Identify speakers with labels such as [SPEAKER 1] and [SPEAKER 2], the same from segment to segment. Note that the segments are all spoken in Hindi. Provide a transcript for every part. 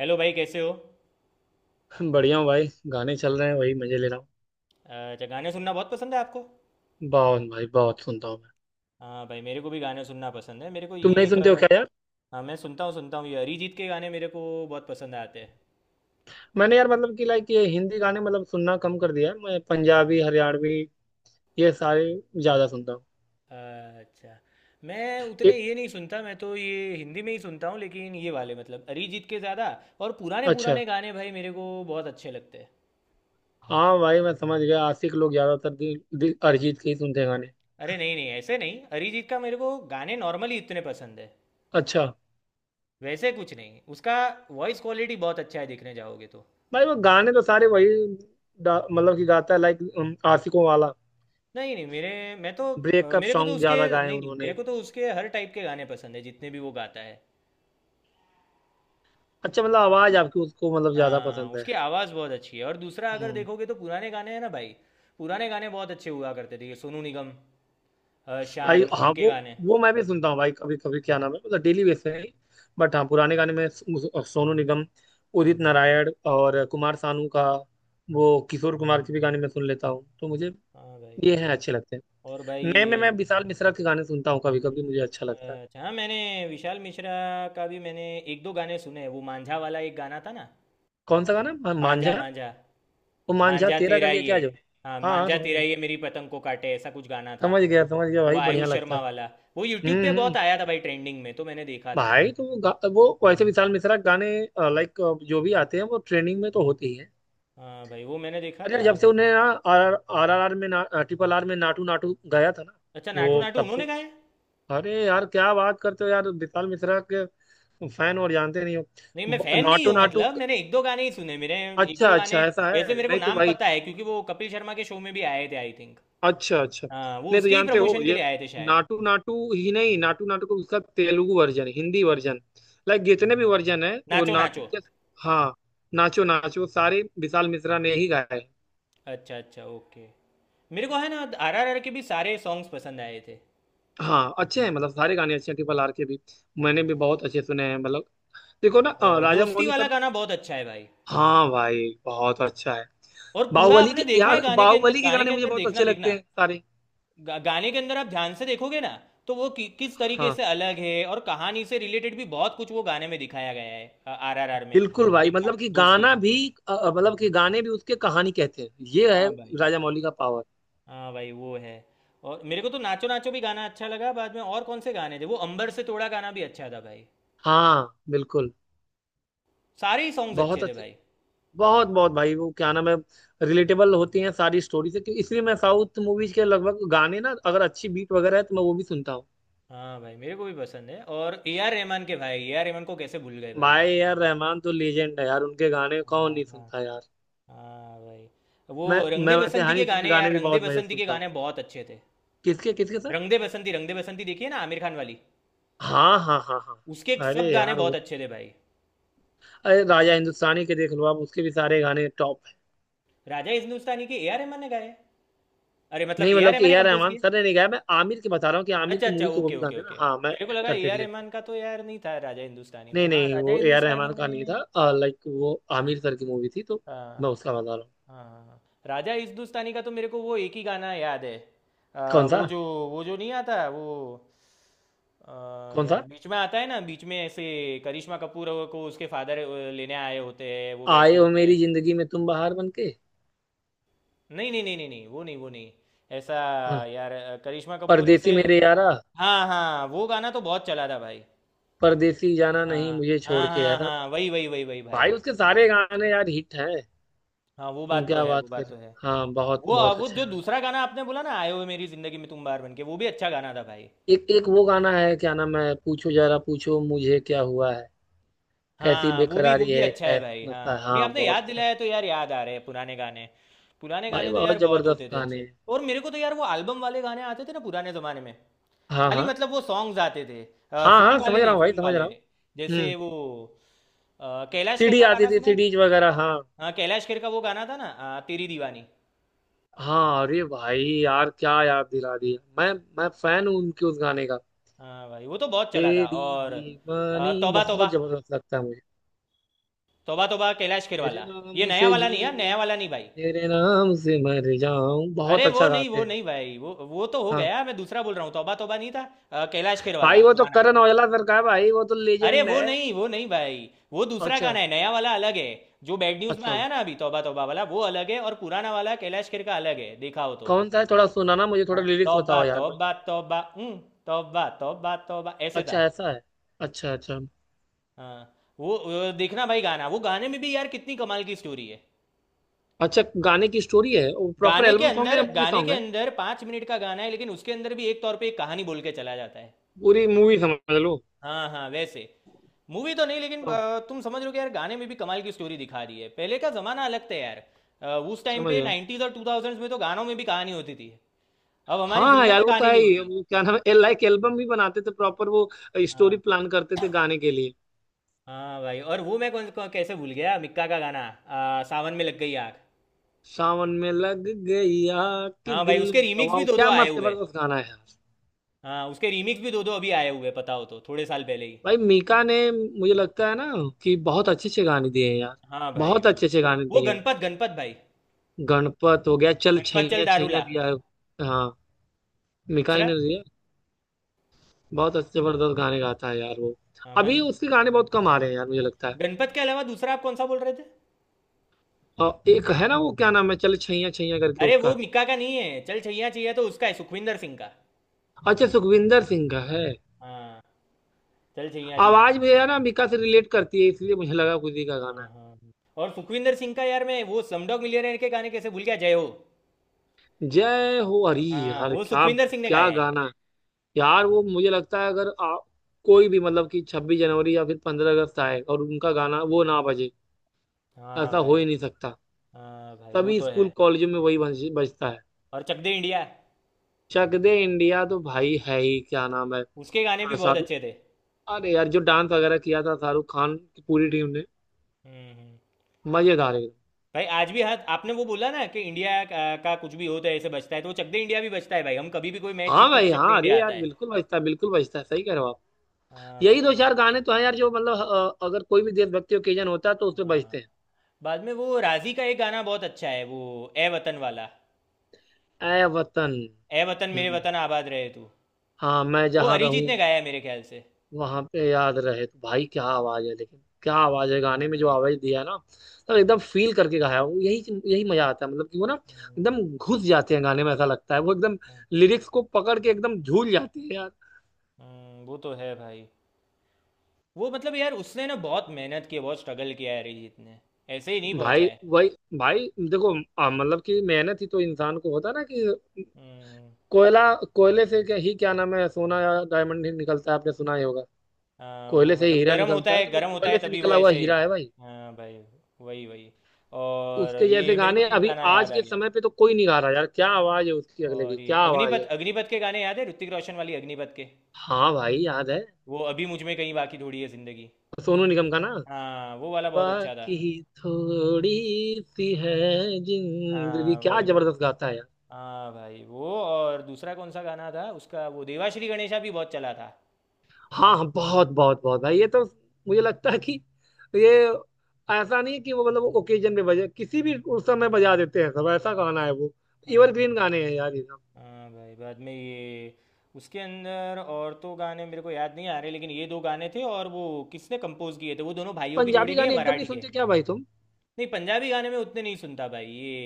[SPEAKER 1] हेलो भाई, कैसे हो।
[SPEAKER 2] बढ़िया हूँ भाई। गाने चल रहे हैं वही मजे ले रहा
[SPEAKER 1] अच्छा, गाने सुनना बहुत पसंद है आपको।
[SPEAKER 2] हूँ बहुत भाई, बहुत सुनता हूँ मैं।
[SPEAKER 1] हाँ भाई, मेरे को भी गाने सुनना पसंद है। मेरे को
[SPEAKER 2] तुम
[SPEAKER 1] ये
[SPEAKER 2] नहीं
[SPEAKER 1] एक
[SPEAKER 2] सुनते हो क्या यार?
[SPEAKER 1] हाँ मैं सुनता हूँ सुनता हूँ, ये अरिजीत के गाने मेरे को बहुत पसंद आते
[SPEAKER 2] मैंने यार मतलब कि लाइक ये हिंदी गाने मतलब सुनना कम कर दिया है, मैं पंजाबी हरियाणवी ये सारे ज्यादा सुनता हूँ।
[SPEAKER 1] हैं। अच्छा, मैं उतने
[SPEAKER 2] एक
[SPEAKER 1] ये नहीं सुनता, मैं तो ये हिंदी में ही सुनता हूँ लेकिन ये वाले मतलब अरिजीत के ज़्यादा, और पुराने
[SPEAKER 2] अच्छा।
[SPEAKER 1] पुराने गाने भाई मेरे को बहुत अच्छे लगते हैं।
[SPEAKER 2] हाँ भाई मैं समझ गया, आशिक लोग ज्यादातर दि- दि- अरिजीत के ही सुनते हैं गाने।
[SPEAKER 1] अरे नहीं नहीं, ऐसे नहीं, अरिजीत का मेरे को गाने नॉर्मली इतने पसंद है
[SPEAKER 2] अच्छा।
[SPEAKER 1] वैसे, कुछ नहीं उसका। वॉइस क्वालिटी बहुत अच्छा है देखने जाओगे तो।
[SPEAKER 2] भाई वो गाने तो सारे वही मतलब कि गाता है लाइक आशिकों वाला
[SPEAKER 1] नहीं नहीं, मैं तो अ,
[SPEAKER 2] ब्रेकअप
[SPEAKER 1] मेरे को तो
[SPEAKER 2] सॉन्ग
[SPEAKER 1] उसके
[SPEAKER 2] ज्यादा गाए
[SPEAKER 1] नहीं नहीं, मेरे
[SPEAKER 2] उन्होंने।
[SPEAKER 1] को तो उसके हर टाइप के गाने पसंद है जितने भी वो गाता है।
[SPEAKER 2] अच्छा मतलब आवाज आपकी उसको मतलब ज्यादा
[SPEAKER 1] हाँ,
[SPEAKER 2] पसंद है।
[SPEAKER 1] उसकी आवाज़ बहुत अच्छी है, और दूसरा अगर
[SPEAKER 2] हम्म
[SPEAKER 1] देखोगे तो पुराने गाने हैं ना भाई, पुराने गाने बहुत अच्छे हुआ करते थे। ये सोनू निगम,
[SPEAKER 2] भाई
[SPEAKER 1] शान,
[SPEAKER 2] मतलब हाँ
[SPEAKER 1] उनके
[SPEAKER 2] वो,
[SPEAKER 1] गाने।
[SPEAKER 2] मैं भी सुनता हूँ भाई कभी कभी, क्या नाम है, मतलब डेली बेस पे नहीं। बट हाँ पुराने गाने में सोनू निगम, उदित नारायण और कुमार सानू का, वो किशोर कुमार के भी गाने मैं सुन लेता हूँ तो मुझे
[SPEAKER 1] हाँ भाई,
[SPEAKER 2] ये हैं अच्छे लगते
[SPEAKER 1] और भाई
[SPEAKER 2] हैं। नए में मैं
[SPEAKER 1] ये
[SPEAKER 2] विशाल मिश्रा के गाने सुनता हूँ कभी कभी, मुझे अच्छा
[SPEAKER 1] अ,
[SPEAKER 2] लगता है।
[SPEAKER 1] अच्छा, हाँ मैंने विशाल मिश्रा का भी मैंने एक दो गाने सुने हैं। वो मांझा वाला एक गाना था ना,
[SPEAKER 2] कौन सा गाना,
[SPEAKER 1] मांझा
[SPEAKER 2] मांझा?
[SPEAKER 1] मांझा।
[SPEAKER 2] वो मांझा
[SPEAKER 1] मांझा
[SPEAKER 2] तेरा
[SPEAKER 1] तेरा
[SPEAKER 2] करके क्या
[SPEAKER 1] ये,
[SPEAKER 2] जो।
[SPEAKER 1] हाँ
[SPEAKER 2] हाँ हाँ
[SPEAKER 1] मांझा
[SPEAKER 2] समझ
[SPEAKER 1] तेरा
[SPEAKER 2] गया,
[SPEAKER 1] ये मेरी पतंग को काटे, ऐसा कुछ गाना था।
[SPEAKER 2] समझ गया समझ गया
[SPEAKER 1] वो
[SPEAKER 2] भाई, बढ़िया
[SPEAKER 1] आयुष
[SPEAKER 2] लगता
[SPEAKER 1] शर्मा
[SPEAKER 2] है।
[SPEAKER 1] वाला वो यूट्यूब पे
[SPEAKER 2] हम्म।
[SPEAKER 1] बहुत आया था भाई, ट्रेंडिंग में, तो मैंने देखा था।
[SPEAKER 2] भाई तो वो वो वैसे विशाल मिश्रा के गाने लाइक जो भी आते हैं वो ट्रेनिंग में तो होती है।
[SPEAKER 1] हाँ भाई वो मैंने देखा
[SPEAKER 2] अरे
[SPEAKER 1] था।
[SPEAKER 2] जब से उन्हें ना आर आर आर में ना ट्रिपल आर में नाटू नाटू गाया था ना,
[SPEAKER 1] अच्छा, नाटू
[SPEAKER 2] वो
[SPEAKER 1] नाटू
[SPEAKER 2] तब से।
[SPEAKER 1] उन्होंने गाया।
[SPEAKER 2] अरे यार क्या बात करते हो यार, विशाल मिश्रा के फैन और जानते नहीं हो?
[SPEAKER 1] नहीं, मैं फैन नहीं
[SPEAKER 2] नाटू
[SPEAKER 1] हूँ,
[SPEAKER 2] नाटू।
[SPEAKER 1] मतलब मैंने एक दो गाने ही सुने मेरे, एक दो
[SPEAKER 2] अच्छा
[SPEAKER 1] गाने।
[SPEAKER 2] अच्छा ऐसा
[SPEAKER 1] वैसे
[SPEAKER 2] है,
[SPEAKER 1] मेरे को
[SPEAKER 2] नहीं तो
[SPEAKER 1] नाम
[SPEAKER 2] भाई।
[SPEAKER 1] पता है क्योंकि वो कपिल शर्मा के शो में भी आए थे, आई थिंक।
[SPEAKER 2] अच्छा अच्छा।
[SPEAKER 1] हाँ, वो
[SPEAKER 2] नहीं तो
[SPEAKER 1] उसके ही
[SPEAKER 2] जानते हो
[SPEAKER 1] प्रमोशन के
[SPEAKER 2] ये
[SPEAKER 1] लिए आए थे शायद।
[SPEAKER 2] नाटू नाटू ही नहीं, नाटू नाटू को उसका Telugu version, Hindi version like जितने भी वर्जन है वो
[SPEAKER 1] नाचो
[SPEAKER 2] नाटू
[SPEAKER 1] नाचो।
[SPEAKER 2] के। हाँ। नाचो नाचो सारे विशाल मिश्रा ने ही गाए हैं।
[SPEAKER 1] अच्छा अच्छा, ओके। मेरे को है ना, आर आर आर के भी सारे सॉन्ग्स पसंद आए थे।
[SPEAKER 2] हाँ अच्छे हैं मतलब सारे गाने अच्छे हैं, ट्रिपल आर के भी मैंने भी बहुत अच्छे सुने हैं मतलब। देखो ना राजा
[SPEAKER 1] दोस्ती
[SPEAKER 2] मौली
[SPEAKER 1] वाला
[SPEAKER 2] सर।
[SPEAKER 1] गाना बहुत अच्छा है भाई।
[SPEAKER 2] हाँ भाई बहुत अच्छा है।
[SPEAKER 1] और पूरा
[SPEAKER 2] बाहुबली के
[SPEAKER 1] आपने देखा है,
[SPEAKER 2] यार,
[SPEAKER 1] गाने के अंदर,
[SPEAKER 2] बाहुबली के
[SPEAKER 1] गाने
[SPEAKER 2] गाने
[SPEAKER 1] के
[SPEAKER 2] मुझे
[SPEAKER 1] अंदर,
[SPEAKER 2] बहुत
[SPEAKER 1] देखना
[SPEAKER 2] अच्छे लगते
[SPEAKER 1] देखना,
[SPEAKER 2] हैं सारे।
[SPEAKER 1] गाने के अंदर आप ध्यान से देखोगे ना, तो वो किस तरीके
[SPEAKER 2] हाँ
[SPEAKER 1] से अलग है, और कहानी से रिलेटेड भी बहुत कुछ वो गाने में दिखाया गया है आरआरआर में।
[SPEAKER 2] बिल्कुल भाई
[SPEAKER 1] देखना,
[SPEAKER 2] मतलब कि
[SPEAKER 1] दोस्ती।
[SPEAKER 2] गाना भी मतलब कि गाने भी उसके कहानी कहते हैं। ये है
[SPEAKER 1] हाँ भाई।
[SPEAKER 2] राजा मौली का पावर।
[SPEAKER 1] हाँ भाई वो है। और मेरे को तो नाचो नाचो भी गाना अच्छा लगा बाद में, और कौन से गाने थे, वो अंबर से तोड़ा गाना भी अच्छा था भाई।
[SPEAKER 2] हाँ बिल्कुल।
[SPEAKER 1] सारे ही सॉन्ग्स
[SPEAKER 2] बहुत
[SPEAKER 1] अच्छे थे
[SPEAKER 2] अच्छे,
[SPEAKER 1] भाई।
[SPEAKER 2] बहुत बहुत भाई, वो क्या नाम है, रिलेटेबल होती हैं सारी स्टोरी से, इसलिए मैं साउथ मूवीज के लगभग गाने ना अगर अच्छी बीट वगैरह है तो मैं वो भी सुनता हूँ।
[SPEAKER 1] हाँ भाई, मेरे को भी पसंद है। और ए आर रहमान के, भाई ए आर रहमान को कैसे भूल गए भाई।
[SPEAKER 2] भाई यार रहमान तो लीजेंड है यार, उनके गाने कौन
[SPEAKER 1] हाँ
[SPEAKER 2] नहीं
[SPEAKER 1] हाँ।
[SPEAKER 2] सुनता यार।
[SPEAKER 1] हाँ भाई,
[SPEAKER 2] मैं
[SPEAKER 1] वो रंग
[SPEAKER 2] मैं
[SPEAKER 1] दे
[SPEAKER 2] वैसे
[SPEAKER 1] बसंती
[SPEAKER 2] हनी
[SPEAKER 1] के
[SPEAKER 2] सिंह के
[SPEAKER 1] गाने,
[SPEAKER 2] गाने
[SPEAKER 1] यार
[SPEAKER 2] भी
[SPEAKER 1] रंग दे
[SPEAKER 2] बहुत मजे से
[SPEAKER 1] बसंती के
[SPEAKER 2] सुनता हूँ।
[SPEAKER 1] गाने बहुत अच्छे थे।
[SPEAKER 2] किसके किसके सर?
[SPEAKER 1] रंग दे बसंती, रंग दे बसंती देखी है ना, आमिर खान वाली,
[SPEAKER 2] हाँ हाँ हाँ हाँ।
[SPEAKER 1] उसके
[SPEAKER 2] अरे
[SPEAKER 1] सब गाने
[SPEAKER 2] यार
[SPEAKER 1] बहुत
[SPEAKER 2] वो,
[SPEAKER 1] अच्छे थे भाई।
[SPEAKER 2] अरे राजा हिंदुस्तानी के देख लो आप, उसके भी सारे गाने टॉप है।
[SPEAKER 1] राजा इस हिंदुस्तानी के ए आर रहमान ने गाए, अरे मतलब
[SPEAKER 2] नहीं
[SPEAKER 1] ए आर
[SPEAKER 2] मतलब कि
[SPEAKER 1] रहमान
[SPEAKER 2] ए
[SPEAKER 1] ने
[SPEAKER 2] आर
[SPEAKER 1] कंपोज
[SPEAKER 2] रहमान
[SPEAKER 1] किए।
[SPEAKER 2] सर ने नहीं गाया, मैं आमिर के बता रहा हूँ कि आमिर
[SPEAKER 1] अच्छा
[SPEAKER 2] की
[SPEAKER 1] अच्छा,
[SPEAKER 2] मूवी के वो
[SPEAKER 1] ओके
[SPEAKER 2] भी
[SPEAKER 1] ओके
[SPEAKER 2] गाने ना,
[SPEAKER 1] ओके।
[SPEAKER 2] हाँ मैं
[SPEAKER 1] मेरे को लगा
[SPEAKER 2] एक्टर
[SPEAKER 1] ए
[SPEAKER 2] से
[SPEAKER 1] आर
[SPEAKER 2] रिलेटेड।
[SPEAKER 1] रहमान का तो यार नहीं था राजा हिंदुस्तानी में,
[SPEAKER 2] नहीं
[SPEAKER 1] हाँ
[SPEAKER 2] नहीं
[SPEAKER 1] राजा
[SPEAKER 2] वो ए आर
[SPEAKER 1] हिंदुस्तानी
[SPEAKER 2] रहमान का नहीं
[SPEAKER 1] में।
[SPEAKER 2] था, लाइक वो आमिर सर की मूवी थी तो
[SPEAKER 1] हाँ
[SPEAKER 2] मैं उसका बता रहा हूँ।
[SPEAKER 1] हाँ हाँ। राजा हिंदुस्तानी का तो मेरे को वो एक ही गाना याद है।
[SPEAKER 2] कौन सा?
[SPEAKER 1] वो जो, वो जो नहीं आता वो, आ,
[SPEAKER 2] कौन
[SPEAKER 1] यार
[SPEAKER 2] सा?
[SPEAKER 1] बीच में आता है ना, बीच में ऐसे करिश्मा कपूर को उसके फादर लेने आए होते हैं, वो बैठे
[SPEAKER 2] आए हो
[SPEAKER 1] होते हैं।
[SPEAKER 2] मेरी जिंदगी में तुम बहार बन के।
[SPEAKER 1] नहीं नहीं नहीं नहीं नहीं, वो नहीं वो नहीं, ऐसा
[SPEAKER 2] हाँ।
[SPEAKER 1] यार, करिश्मा कपूर
[SPEAKER 2] परदेसी
[SPEAKER 1] ऐसे।
[SPEAKER 2] मेरे यारा।
[SPEAKER 1] हाँ हाँ, वो गाना तो बहुत चला था भाई।
[SPEAKER 2] परदेसी जाना नहीं
[SPEAKER 1] हाँ
[SPEAKER 2] मुझे छोड़
[SPEAKER 1] हाँ
[SPEAKER 2] के,
[SPEAKER 1] हाँ
[SPEAKER 2] ऐसा
[SPEAKER 1] हाँ,
[SPEAKER 2] ना।
[SPEAKER 1] वही वही वही वही
[SPEAKER 2] भाई
[SPEAKER 1] भाई।
[SPEAKER 2] उसके सारे गाने यार हिट हैं।
[SPEAKER 1] हाँ, वो
[SPEAKER 2] तुम
[SPEAKER 1] बात तो
[SPEAKER 2] क्या
[SPEAKER 1] है, वो
[SPEAKER 2] बात कर
[SPEAKER 1] बात
[SPEAKER 2] रहे
[SPEAKER 1] तो है।
[SPEAKER 2] हो? हाँ बहुत
[SPEAKER 1] वो
[SPEAKER 2] बहुत
[SPEAKER 1] वो
[SPEAKER 2] अच्छे
[SPEAKER 1] जो
[SPEAKER 2] गाने।
[SPEAKER 1] दूसरा गाना आपने बोला ना, आए हुए मेरी जिंदगी में तुम बार बन के, वो भी अच्छा गाना था भाई।
[SPEAKER 2] एक एक वो गाना है, क्या नाम है, पूछो जरा पूछो मुझे क्या हुआ है, कैसी
[SPEAKER 1] हाँ वो भी, वो
[SPEAKER 2] बेकरारी
[SPEAKER 1] भी
[SPEAKER 2] है
[SPEAKER 1] अच्छा है भाई।
[SPEAKER 2] कैसा नशा है,
[SPEAKER 1] हाँ, अभी
[SPEAKER 2] हाँ
[SPEAKER 1] आपने
[SPEAKER 2] बहुत
[SPEAKER 1] याद
[SPEAKER 2] अच्छा।
[SPEAKER 1] दिलाया तो यार याद आ रहे हैं पुराने गाने। पुराने
[SPEAKER 2] भाई
[SPEAKER 1] गाने तो
[SPEAKER 2] बहुत
[SPEAKER 1] यार बहुत
[SPEAKER 2] जबरदस्त
[SPEAKER 1] होते थे
[SPEAKER 2] गाने
[SPEAKER 1] अच्छे।
[SPEAKER 2] हैं।
[SPEAKER 1] और मेरे को तो यार वो एल्बम वाले गाने आते थे ना पुराने ज़माने में,
[SPEAKER 2] हाँ
[SPEAKER 1] खाली
[SPEAKER 2] हाँ
[SPEAKER 1] मतलब वो सॉन्ग्स आते थे,
[SPEAKER 2] हाँ हाँ
[SPEAKER 1] फिल्म
[SPEAKER 2] समझ
[SPEAKER 1] वाले
[SPEAKER 2] रहा
[SPEAKER 1] नहीं,
[SPEAKER 2] हूँ भाई
[SPEAKER 1] फिल्म
[SPEAKER 2] समझ रहा
[SPEAKER 1] वाले
[SPEAKER 2] हूँ।
[SPEAKER 1] ने। जैसे
[SPEAKER 2] हम्म।
[SPEAKER 1] वो, कैलाश खेर
[SPEAKER 2] सीडी
[SPEAKER 1] का
[SPEAKER 2] आती
[SPEAKER 1] गाना
[SPEAKER 2] थी,
[SPEAKER 1] सुना है।
[SPEAKER 2] सीडीज वगैरह, हाँ
[SPEAKER 1] हाँ कैलाश खेर का वो गाना था ना, तेरी दीवानी।
[SPEAKER 2] हाँ। अरे भाई यार क्या याद दिला दिया, मैं फैन हूँ उनके उस गाने का।
[SPEAKER 1] हाँ भाई, वो तो बहुत चला था।
[SPEAKER 2] तेरी
[SPEAKER 1] और
[SPEAKER 2] दीवानी
[SPEAKER 1] तौबा तौबा।
[SPEAKER 2] बहुत जबरदस्त लगता है मुझे।
[SPEAKER 1] तौबा तौबा कैलाश खेर
[SPEAKER 2] तेरे
[SPEAKER 1] वाला, ये
[SPEAKER 2] नाम
[SPEAKER 1] नया
[SPEAKER 2] से जी
[SPEAKER 1] वाला नहीं है,
[SPEAKER 2] लूं,
[SPEAKER 1] नया वाला नहीं भाई।
[SPEAKER 2] तेरे नाम से मर जाऊं, बहुत
[SPEAKER 1] अरे
[SPEAKER 2] अच्छा गाते
[SPEAKER 1] वो
[SPEAKER 2] हैं।
[SPEAKER 1] नहीं भाई, वो तो हो
[SPEAKER 2] हाँ
[SPEAKER 1] गया, मैं दूसरा बोल रहा हूँ, तौबा तौबा नहीं था। कैलाश खेर वाला
[SPEAKER 2] भाई वो तो
[SPEAKER 1] पुराना।
[SPEAKER 2] करण औजला सर का है भाई, वो तो
[SPEAKER 1] अरे
[SPEAKER 2] लेजेंड है।
[SPEAKER 1] वो नहीं भाई, वो दूसरा
[SPEAKER 2] अच्छा
[SPEAKER 1] गाना है, नया वाला अलग है, जो बैड न्यूज में
[SPEAKER 2] अच्छा।
[SPEAKER 1] आया ना अभी तौबा तौबा वाला, वो अलग है, और पुराना वाला कैलाश खेर का अलग है, देखा हो तो।
[SPEAKER 2] कौन सा है, थोड़ा सुनाना मुझे,
[SPEAKER 1] हाँ
[SPEAKER 2] थोड़ा लिरिक्स
[SPEAKER 1] तौबा
[SPEAKER 2] बताओ यार भाई।
[SPEAKER 1] तौबा तौबा। हम्म। तौबा तौबा तौबा ऐसे था।
[SPEAKER 2] अच्छा ऐसा है। अच्छा अच्छा।
[SPEAKER 1] हाँ। वो देखना भाई गाना, वो गाने में भी यार कितनी कमाल की स्टोरी है।
[SPEAKER 2] अच्छा गाने की स्टोरी है? वो प्रॉपर
[SPEAKER 1] गाने के
[SPEAKER 2] एल्बम सॉन्ग है
[SPEAKER 1] अंदर,
[SPEAKER 2] या मूवी
[SPEAKER 1] गाने के
[SPEAKER 2] सॉन्ग है?
[SPEAKER 1] अंदर पाँच मिनट का गाना है, लेकिन उसके अंदर भी एक तौर पे एक कहानी बोल के चला जाता है।
[SPEAKER 2] पूरी मूवी समझ लो।
[SPEAKER 1] हाँ हाँ वैसे, मूवी तो नहीं, लेकिन
[SPEAKER 2] तो,
[SPEAKER 1] तुम समझ रहे हो कि यार गाने में भी कमाल की स्टोरी दिखा रही है। पहले का जमाना अलग था यार, उस टाइम
[SPEAKER 2] समझ
[SPEAKER 1] पे
[SPEAKER 2] गया।
[SPEAKER 1] 90s और 2000s में तो गानों में भी कहानी होती थी। अब
[SPEAKER 2] हाँ
[SPEAKER 1] हमारी
[SPEAKER 2] हाँ
[SPEAKER 1] फिल्मों
[SPEAKER 2] यार
[SPEAKER 1] में
[SPEAKER 2] वो तो
[SPEAKER 1] कहानी
[SPEAKER 2] है
[SPEAKER 1] नहीं
[SPEAKER 2] ही,
[SPEAKER 1] होती।
[SPEAKER 2] वो क्या नाम है, लाइक एल्बम भी बनाते थे प्रॉपर, वो स्टोरी
[SPEAKER 1] हाँ।
[SPEAKER 2] प्लान करते थे गाने के लिए।
[SPEAKER 1] हाँ भाई। और वो मैं कौन कौन- कैसे भूल गया, मिक्का का गाना, सावन में लग गई आग।
[SPEAKER 2] सावन में लग गया कि
[SPEAKER 1] हाँ भाई,
[SPEAKER 2] दिल
[SPEAKER 1] उसके
[SPEAKER 2] मेरा,
[SPEAKER 1] रीमिक्स भी
[SPEAKER 2] वाह
[SPEAKER 1] दो दो
[SPEAKER 2] क्या
[SPEAKER 1] आए
[SPEAKER 2] मस्त
[SPEAKER 1] हुए।
[SPEAKER 2] जबरदस्त गाना है यार।
[SPEAKER 1] हाँ, उसके रीमिक्स भी दो दो अभी आए हुए, पता हो तो, थोड़े साल पहले ही।
[SPEAKER 2] भाई मीका ने मुझे लगता है ना कि बहुत अच्छे अच्छे गाने दिए हैं यार,
[SPEAKER 1] हाँ भाई
[SPEAKER 2] बहुत अच्छे
[SPEAKER 1] वो
[SPEAKER 2] अच्छे गाने
[SPEAKER 1] वो
[SPEAKER 2] दिए हैं।
[SPEAKER 1] गणपत, गणपत भाई।
[SPEAKER 2] गणपत हो गया, चल
[SPEAKER 1] गणपत चल
[SPEAKER 2] छैया छैया
[SPEAKER 1] दारूला,
[SPEAKER 2] दिया है। हाँ मीका ही ने
[SPEAKER 1] दूसरा।
[SPEAKER 2] दिया। बहुत अच्छे जबरदस्त गाने गाता है यार वो।
[SPEAKER 1] हाँ
[SPEAKER 2] अभी
[SPEAKER 1] गण
[SPEAKER 2] उसके गाने बहुत कम आ रहे हैं यार मुझे
[SPEAKER 1] हाँ,
[SPEAKER 2] लगता है।
[SPEAKER 1] गणपत के अलावा दूसरा आप कौन सा बोल रहे थे।
[SPEAKER 2] और एक है ना वो क्या नाम है, चल छैया छैया करके
[SPEAKER 1] अरे वो
[SPEAKER 2] उसका।
[SPEAKER 1] मिक्का का नहीं है, चल छैया छैया तो उसका है, सुखविंदर सिंह का।
[SPEAKER 2] अच्छा सुखविंदर सिंह का है।
[SPEAKER 1] हाँ, चल छैया छैया।
[SPEAKER 2] आवाज भी है ना मीका से रिलेट करती है इसलिए मुझे लगा कुछ ही का
[SPEAKER 1] हाँ
[SPEAKER 2] गाना
[SPEAKER 1] हाँ
[SPEAKER 2] है।
[SPEAKER 1] हाँ। और सुखविंदर सिंह का यार, मैं वो समडॉग मिलियनेयर के गाने कैसे भूल गया, जय हो।
[SPEAKER 2] जय हो हरी,
[SPEAKER 1] हाँ,
[SPEAKER 2] हर
[SPEAKER 1] वो
[SPEAKER 2] क्या,
[SPEAKER 1] सुखविंदर सिंह ने
[SPEAKER 2] क्या
[SPEAKER 1] गाया है।
[SPEAKER 2] गाना है। यार वो मुझे लगता है अगर कोई भी मतलब कि 26 जनवरी या फिर 15 अगस्त आए और उनका गाना वो ना बजे,
[SPEAKER 1] हाँ
[SPEAKER 2] ऐसा हो
[SPEAKER 1] भाई।
[SPEAKER 2] ही नहीं सकता।
[SPEAKER 1] हाँ भाई वो
[SPEAKER 2] सभी
[SPEAKER 1] तो
[SPEAKER 2] स्कूल
[SPEAKER 1] है।
[SPEAKER 2] कॉलेजों में वही बजता है।
[SPEAKER 1] और चक दे इंडिया,
[SPEAKER 2] चक दे इंडिया तो भाई है ही, क्या नाम है,
[SPEAKER 1] उसके गाने भी बहुत
[SPEAKER 2] शाहरुख।
[SPEAKER 1] अच्छे थे।
[SPEAKER 2] अरे यार जो डांस वगैरह किया था शाहरुख खान की पूरी टीम ने,
[SPEAKER 1] हम्म हम्म।
[SPEAKER 2] मजेदार है।
[SPEAKER 1] भाई आज भी हाथ आपने वो बोला ना कि इंडिया का कुछ भी होता है ऐसे, बचता है तो वो चक दे इंडिया भी बचता है भाई, हम कभी भी कोई मैच
[SPEAKER 2] हाँ
[SPEAKER 1] जीतते तो
[SPEAKER 2] भाई
[SPEAKER 1] चक दे
[SPEAKER 2] हाँ, अरे
[SPEAKER 1] इंडिया आता
[SPEAKER 2] यार
[SPEAKER 1] है।
[SPEAKER 2] बिल्कुल बजता है बिल्कुल बजता है, सही कह रहे हो आप।
[SPEAKER 1] हाँ
[SPEAKER 2] यही
[SPEAKER 1] भाई।
[SPEAKER 2] दो चार गाने तो हैं यार जो मतलब अगर कोई भी देशभक्ति ओकेजन होता है तो उसमें
[SPEAKER 1] हाँ,
[SPEAKER 2] बजते हैं।
[SPEAKER 1] बाद में वो राजी का एक गाना बहुत अच्छा है, वो ए वतन वाला,
[SPEAKER 2] ऐ वतन।
[SPEAKER 1] ए वतन मेरे
[SPEAKER 2] हम्म,
[SPEAKER 1] वतन आबाद रहे तू,
[SPEAKER 2] हाँ मैं
[SPEAKER 1] वो
[SPEAKER 2] जहाँ
[SPEAKER 1] अरिजीत
[SPEAKER 2] रहूं
[SPEAKER 1] ने गाया है मेरे ख्याल से।
[SPEAKER 2] वहां पे याद रहे तो, भाई क्या आवाज है, लेकिन क्या आवाज है
[SPEAKER 1] हाँ
[SPEAKER 2] गाने में जो
[SPEAKER 1] भाई।
[SPEAKER 2] आवाज दिया है ना तो एकदम फील करके गाया है। वो यही यही मजा आता है मतलब कि वो ना एकदम घुस जाते हैं गाने में, ऐसा लगता है वो एकदम लिरिक्स को पकड़ के एकदम झूल जाते हैं यार।
[SPEAKER 1] वो तो है भाई। वो मतलब यार उसने ना बहुत मेहनत की है, बहुत स्ट्रगल किया है अरिजीत ने, ऐसे ही नहीं पहुंचा
[SPEAKER 2] भाई
[SPEAKER 1] है।
[SPEAKER 2] वही, भाई देखो मतलब कि मेहनत ही तो इंसान को होता है ना कि
[SPEAKER 1] हम्म,
[SPEAKER 2] कोयला, कोयले से क्या ही, क्या नाम है, सोना या डायमंड ही निकलता है, आपने सुना ही होगा।
[SPEAKER 1] हाँ वो
[SPEAKER 2] कोयले से ही
[SPEAKER 1] मतलब
[SPEAKER 2] हीरा
[SPEAKER 1] गर्म होता
[SPEAKER 2] निकलता है,
[SPEAKER 1] है,
[SPEAKER 2] तो वो
[SPEAKER 1] गर्म होता है
[SPEAKER 2] कोयले से
[SPEAKER 1] तभी वो
[SPEAKER 2] निकला हुआ
[SPEAKER 1] ऐसे।
[SPEAKER 2] हीरा है भाई।
[SPEAKER 1] हाँ भाई। वही वही। और
[SPEAKER 2] उसके जैसे
[SPEAKER 1] ये मेरे को
[SPEAKER 2] गाने
[SPEAKER 1] एक
[SPEAKER 2] अभी
[SPEAKER 1] गाना
[SPEAKER 2] आज
[SPEAKER 1] याद आ
[SPEAKER 2] के
[SPEAKER 1] गया।
[SPEAKER 2] समय पे तो कोई नहीं गा रहा यार, क्या आवाज है उसकी, अगले की
[SPEAKER 1] और ये
[SPEAKER 2] क्या आवाज है।
[SPEAKER 1] अग्निपथ, अग्निपथ के गाने याद है, ऋतिक रोशन वाली अग्निपथ के,
[SPEAKER 2] हाँ भाई याद है।
[SPEAKER 1] वो अभी मुझ में कहीं बाकी थोड़ी है जिंदगी।
[SPEAKER 2] सोनू निगम का ना?
[SPEAKER 1] हाँ, वो वाला बहुत अच्छा था।
[SPEAKER 2] बाकी थोड़ी सी है जिंदगी,
[SPEAKER 1] हाँ
[SPEAKER 2] क्या
[SPEAKER 1] वही भाई।
[SPEAKER 2] जबरदस्त गाता है यार।
[SPEAKER 1] हाँ भाई वो, और दूसरा कौन सा गाना था उसका, वो देवाश्री गणेशा भी बहुत चला था।
[SPEAKER 2] हाँ हाँ बहुत बहुत बहुत भाई, ये तो मुझे लगता है कि ये ऐसा नहीं है कि वो मतलब ओकेजन पे बजे, किसी भी उस समय बजा देते हैं सब, ऐसा गाना है वो।
[SPEAKER 1] हाँ
[SPEAKER 2] एवरग्रीन
[SPEAKER 1] भाई।
[SPEAKER 2] गाने हैं यार ये सब।
[SPEAKER 1] हाँ भाई, बाद में ये, उसके अंदर और तो गाने मेरे को याद नहीं आ रहे, लेकिन ये दो गाने थे, और वो किसने कंपोज किए थे, वो दोनों भाइयों की
[SPEAKER 2] पंजाबी
[SPEAKER 1] जोड़ी नहीं है
[SPEAKER 2] गाने एकदम नहीं
[SPEAKER 1] मराठी के।
[SPEAKER 2] सुनते क्या भाई तुम?
[SPEAKER 1] नहीं, पंजाबी गाने में उतने नहीं सुनता भाई ये,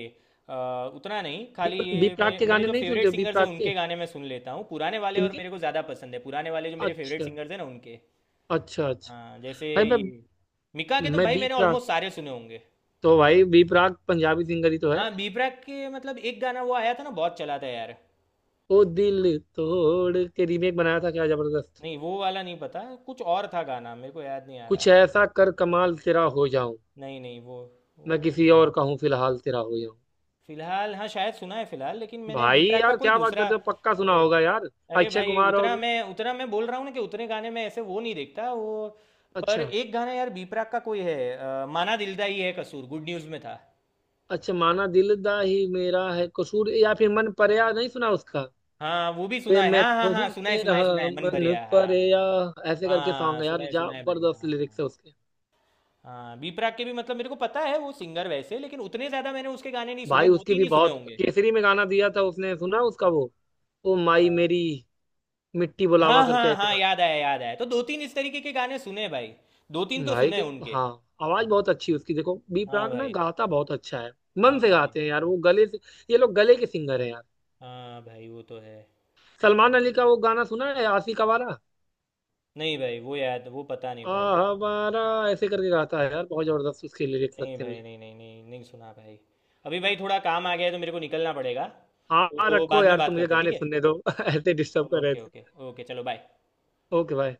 [SPEAKER 1] अ, उतना नहीं,
[SPEAKER 2] बी
[SPEAKER 1] खाली
[SPEAKER 2] बी
[SPEAKER 1] ये
[SPEAKER 2] प्राक के
[SPEAKER 1] मेरे
[SPEAKER 2] गाने
[SPEAKER 1] जो
[SPEAKER 2] नहीं सुनते
[SPEAKER 1] फेवरेट
[SPEAKER 2] हो, बी
[SPEAKER 1] सिंगर्स हैं
[SPEAKER 2] प्राक के?
[SPEAKER 1] उनके गाने मैं सुन लेता हूँ, पुराने वाले। और
[SPEAKER 2] किनके?
[SPEAKER 1] मेरे को ज़्यादा पसंद है पुराने वाले, जो मेरे फेवरेट
[SPEAKER 2] अच्छा।
[SPEAKER 1] सिंगर्स हैं ना उनके।
[SPEAKER 2] अच्छा अच्छा।
[SPEAKER 1] हाँ जैसे
[SPEAKER 2] भाई
[SPEAKER 1] ये, मिका के तो
[SPEAKER 2] मैं
[SPEAKER 1] भाई
[SPEAKER 2] बी
[SPEAKER 1] मैंने
[SPEAKER 2] प्राक,
[SPEAKER 1] ऑलमोस्ट सारे सुने होंगे।
[SPEAKER 2] तो भाई बी प्राक पंजाबी सिंगर ही तो है।
[SPEAKER 1] हाँ, बी प्राक के मतलब एक गाना वो आया था ना, बहुत चला था यार।
[SPEAKER 2] ओ दिल तोड़ के रीमेक बनाया था, क्या जबरदस्त।
[SPEAKER 1] नहीं वो वाला नहीं, पता कुछ और था गाना, मेरे को याद नहीं आ रहा।
[SPEAKER 2] कुछ ऐसा कर कमाल तेरा हो जाऊं,
[SPEAKER 1] नहीं नहीं, वो वो,
[SPEAKER 2] मैं किसी और का हूं फिलहाल तेरा हो जाऊं।
[SPEAKER 1] फिलहाल, हाँ शायद सुना है फिलहाल, लेकिन मैंने बी
[SPEAKER 2] भाई
[SPEAKER 1] प्राक का
[SPEAKER 2] यार
[SPEAKER 1] कोई
[SPEAKER 2] क्या बात
[SPEAKER 1] दूसरा।
[SPEAKER 2] करते हो, पक्का सुना
[SPEAKER 1] अरे,
[SPEAKER 2] होगा यार।
[SPEAKER 1] अरे
[SPEAKER 2] अक्षय
[SPEAKER 1] भाई,
[SPEAKER 2] कुमार
[SPEAKER 1] उतना
[SPEAKER 2] और
[SPEAKER 1] मैं उतना मैं बोल रहा हूँ ना कि उतने गाने में ऐसे वो नहीं देखता वो। पर
[SPEAKER 2] अच्छा
[SPEAKER 1] एक गाना यार बी प्राक का कोई है, माना दिलदा ही है कसूर, गुड न्यूज़ में था।
[SPEAKER 2] अच्छा। माना दिल दा ही मेरा है कसूर, या फिर मन परया नहीं सुना उसका?
[SPEAKER 1] हाँ वो भी
[SPEAKER 2] वे
[SPEAKER 1] सुना है,
[SPEAKER 2] मैं
[SPEAKER 1] हाँ हाँ
[SPEAKER 2] तो हूं
[SPEAKER 1] हाँ, सुना है
[SPEAKER 2] तेरा
[SPEAKER 1] सुना है सुना है, मन
[SPEAKER 2] मन
[SPEAKER 1] भरिया, हाँ।
[SPEAKER 2] परया, ऐसे करके सॉन्ग
[SPEAKER 1] हाँ
[SPEAKER 2] है यार,
[SPEAKER 1] सुना है भाई,
[SPEAKER 2] जबरदस्त लिरिक्स
[SPEAKER 1] हाँ।
[SPEAKER 2] है उसके।
[SPEAKER 1] हाँ, बी प्राक के भी मतलब मेरे को पता है वो सिंगर वैसे, लेकिन उतने ज्यादा मैंने उसके गाने नहीं सुने,
[SPEAKER 2] भाई
[SPEAKER 1] दो
[SPEAKER 2] उसकी
[SPEAKER 1] तीन
[SPEAKER 2] भी
[SPEAKER 1] ही सुने
[SPEAKER 2] बहुत
[SPEAKER 1] होंगे।
[SPEAKER 2] केसरी में गाना दिया था उसने, सुना उसका वो, ओ माई
[SPEAKER 1] अ,
[SPEAKER 2] मेरी मिट्टी बुलावा
[SPEAKER 1] हाँ
[SPEAKER 2] करके
[SPEAKER 1] हाँ
[SPEAKER 2] ऐसे,
[SPEAKER 1] हाँ, याद आया याद आया, तो दो तीन इस तरीके के गाने सुने भाई, दो तीन
[SPEAKER 2] गाना
[SPEAKER 1] तो
[SPEAKER 2] भाई
[SPEAKER 1] सुने
[SPEAKER 2] तो
[SPEAKER 1] उनके।
[SPEAKER 2] हाँ। आवाज बहुत अच्छी है उसकी, देखो बी
[SPEAKER 1] हाँ
[SPEAKER 2] प्राक ना
[SPEAKER 1] भाई।
[SPEAKER 2] गाता बहुत अच्छा है,
[SPEAKER 1] हाँ
[SPEAKER 2] मन से
[SPEAKER 1] भाई।
[SPEAKER 2] गाते हैं यार वो, गले से। ये लोग गले के सिंगर हैं यार।
[SPEAKER 1] हाँ भाई वो तो है।
[SPEAKER 2] सलमान अली का वो गाना सुना है आशिक आवारा,
[SPEAKER 1] नहीं भाई, वो याद, वो पता नहीं भाई।
[SPEAKER 2] आवारा ऐसे करके गाता है यार, बहुत जबरदस्त उसके लिरिक्स
[SPEAKER 1] नहीं
[SPEAKER 2] लगते हैं
[SPEAKER 1] भाई,
[SPEAKER 2] मुझे।
[SPEAKER 1] नहीं नहीं नहीं, नहीं सुना भाई। अभी भाई थोड़ा काम आ गया है तो मेरे को निकलना पड़ेगा,
[SPEAKER 2] हाँ
[SPEAKER 1] तो
[SPEAKER 2] रखो
[SPEAKER 1] बाद में
[SPEAKER 2] यार,
[SPEAKER 1] बात
[SPEAKER 2] तुम मुझे
[SPEAKER 1] करते हैं, ठीक
[SPEAKER 2] गाने
[SPEAKER 1] है।
[SPEAKER 2] सुनने दो ऐसे डिस्टर्ब कर रहे
[SPEAKER 1] ओके
[SPEAKER 2] थे।
[SPEAKER 1] ओके ओके, चलो बाय।
[SPEAKER 2] ओके भाई।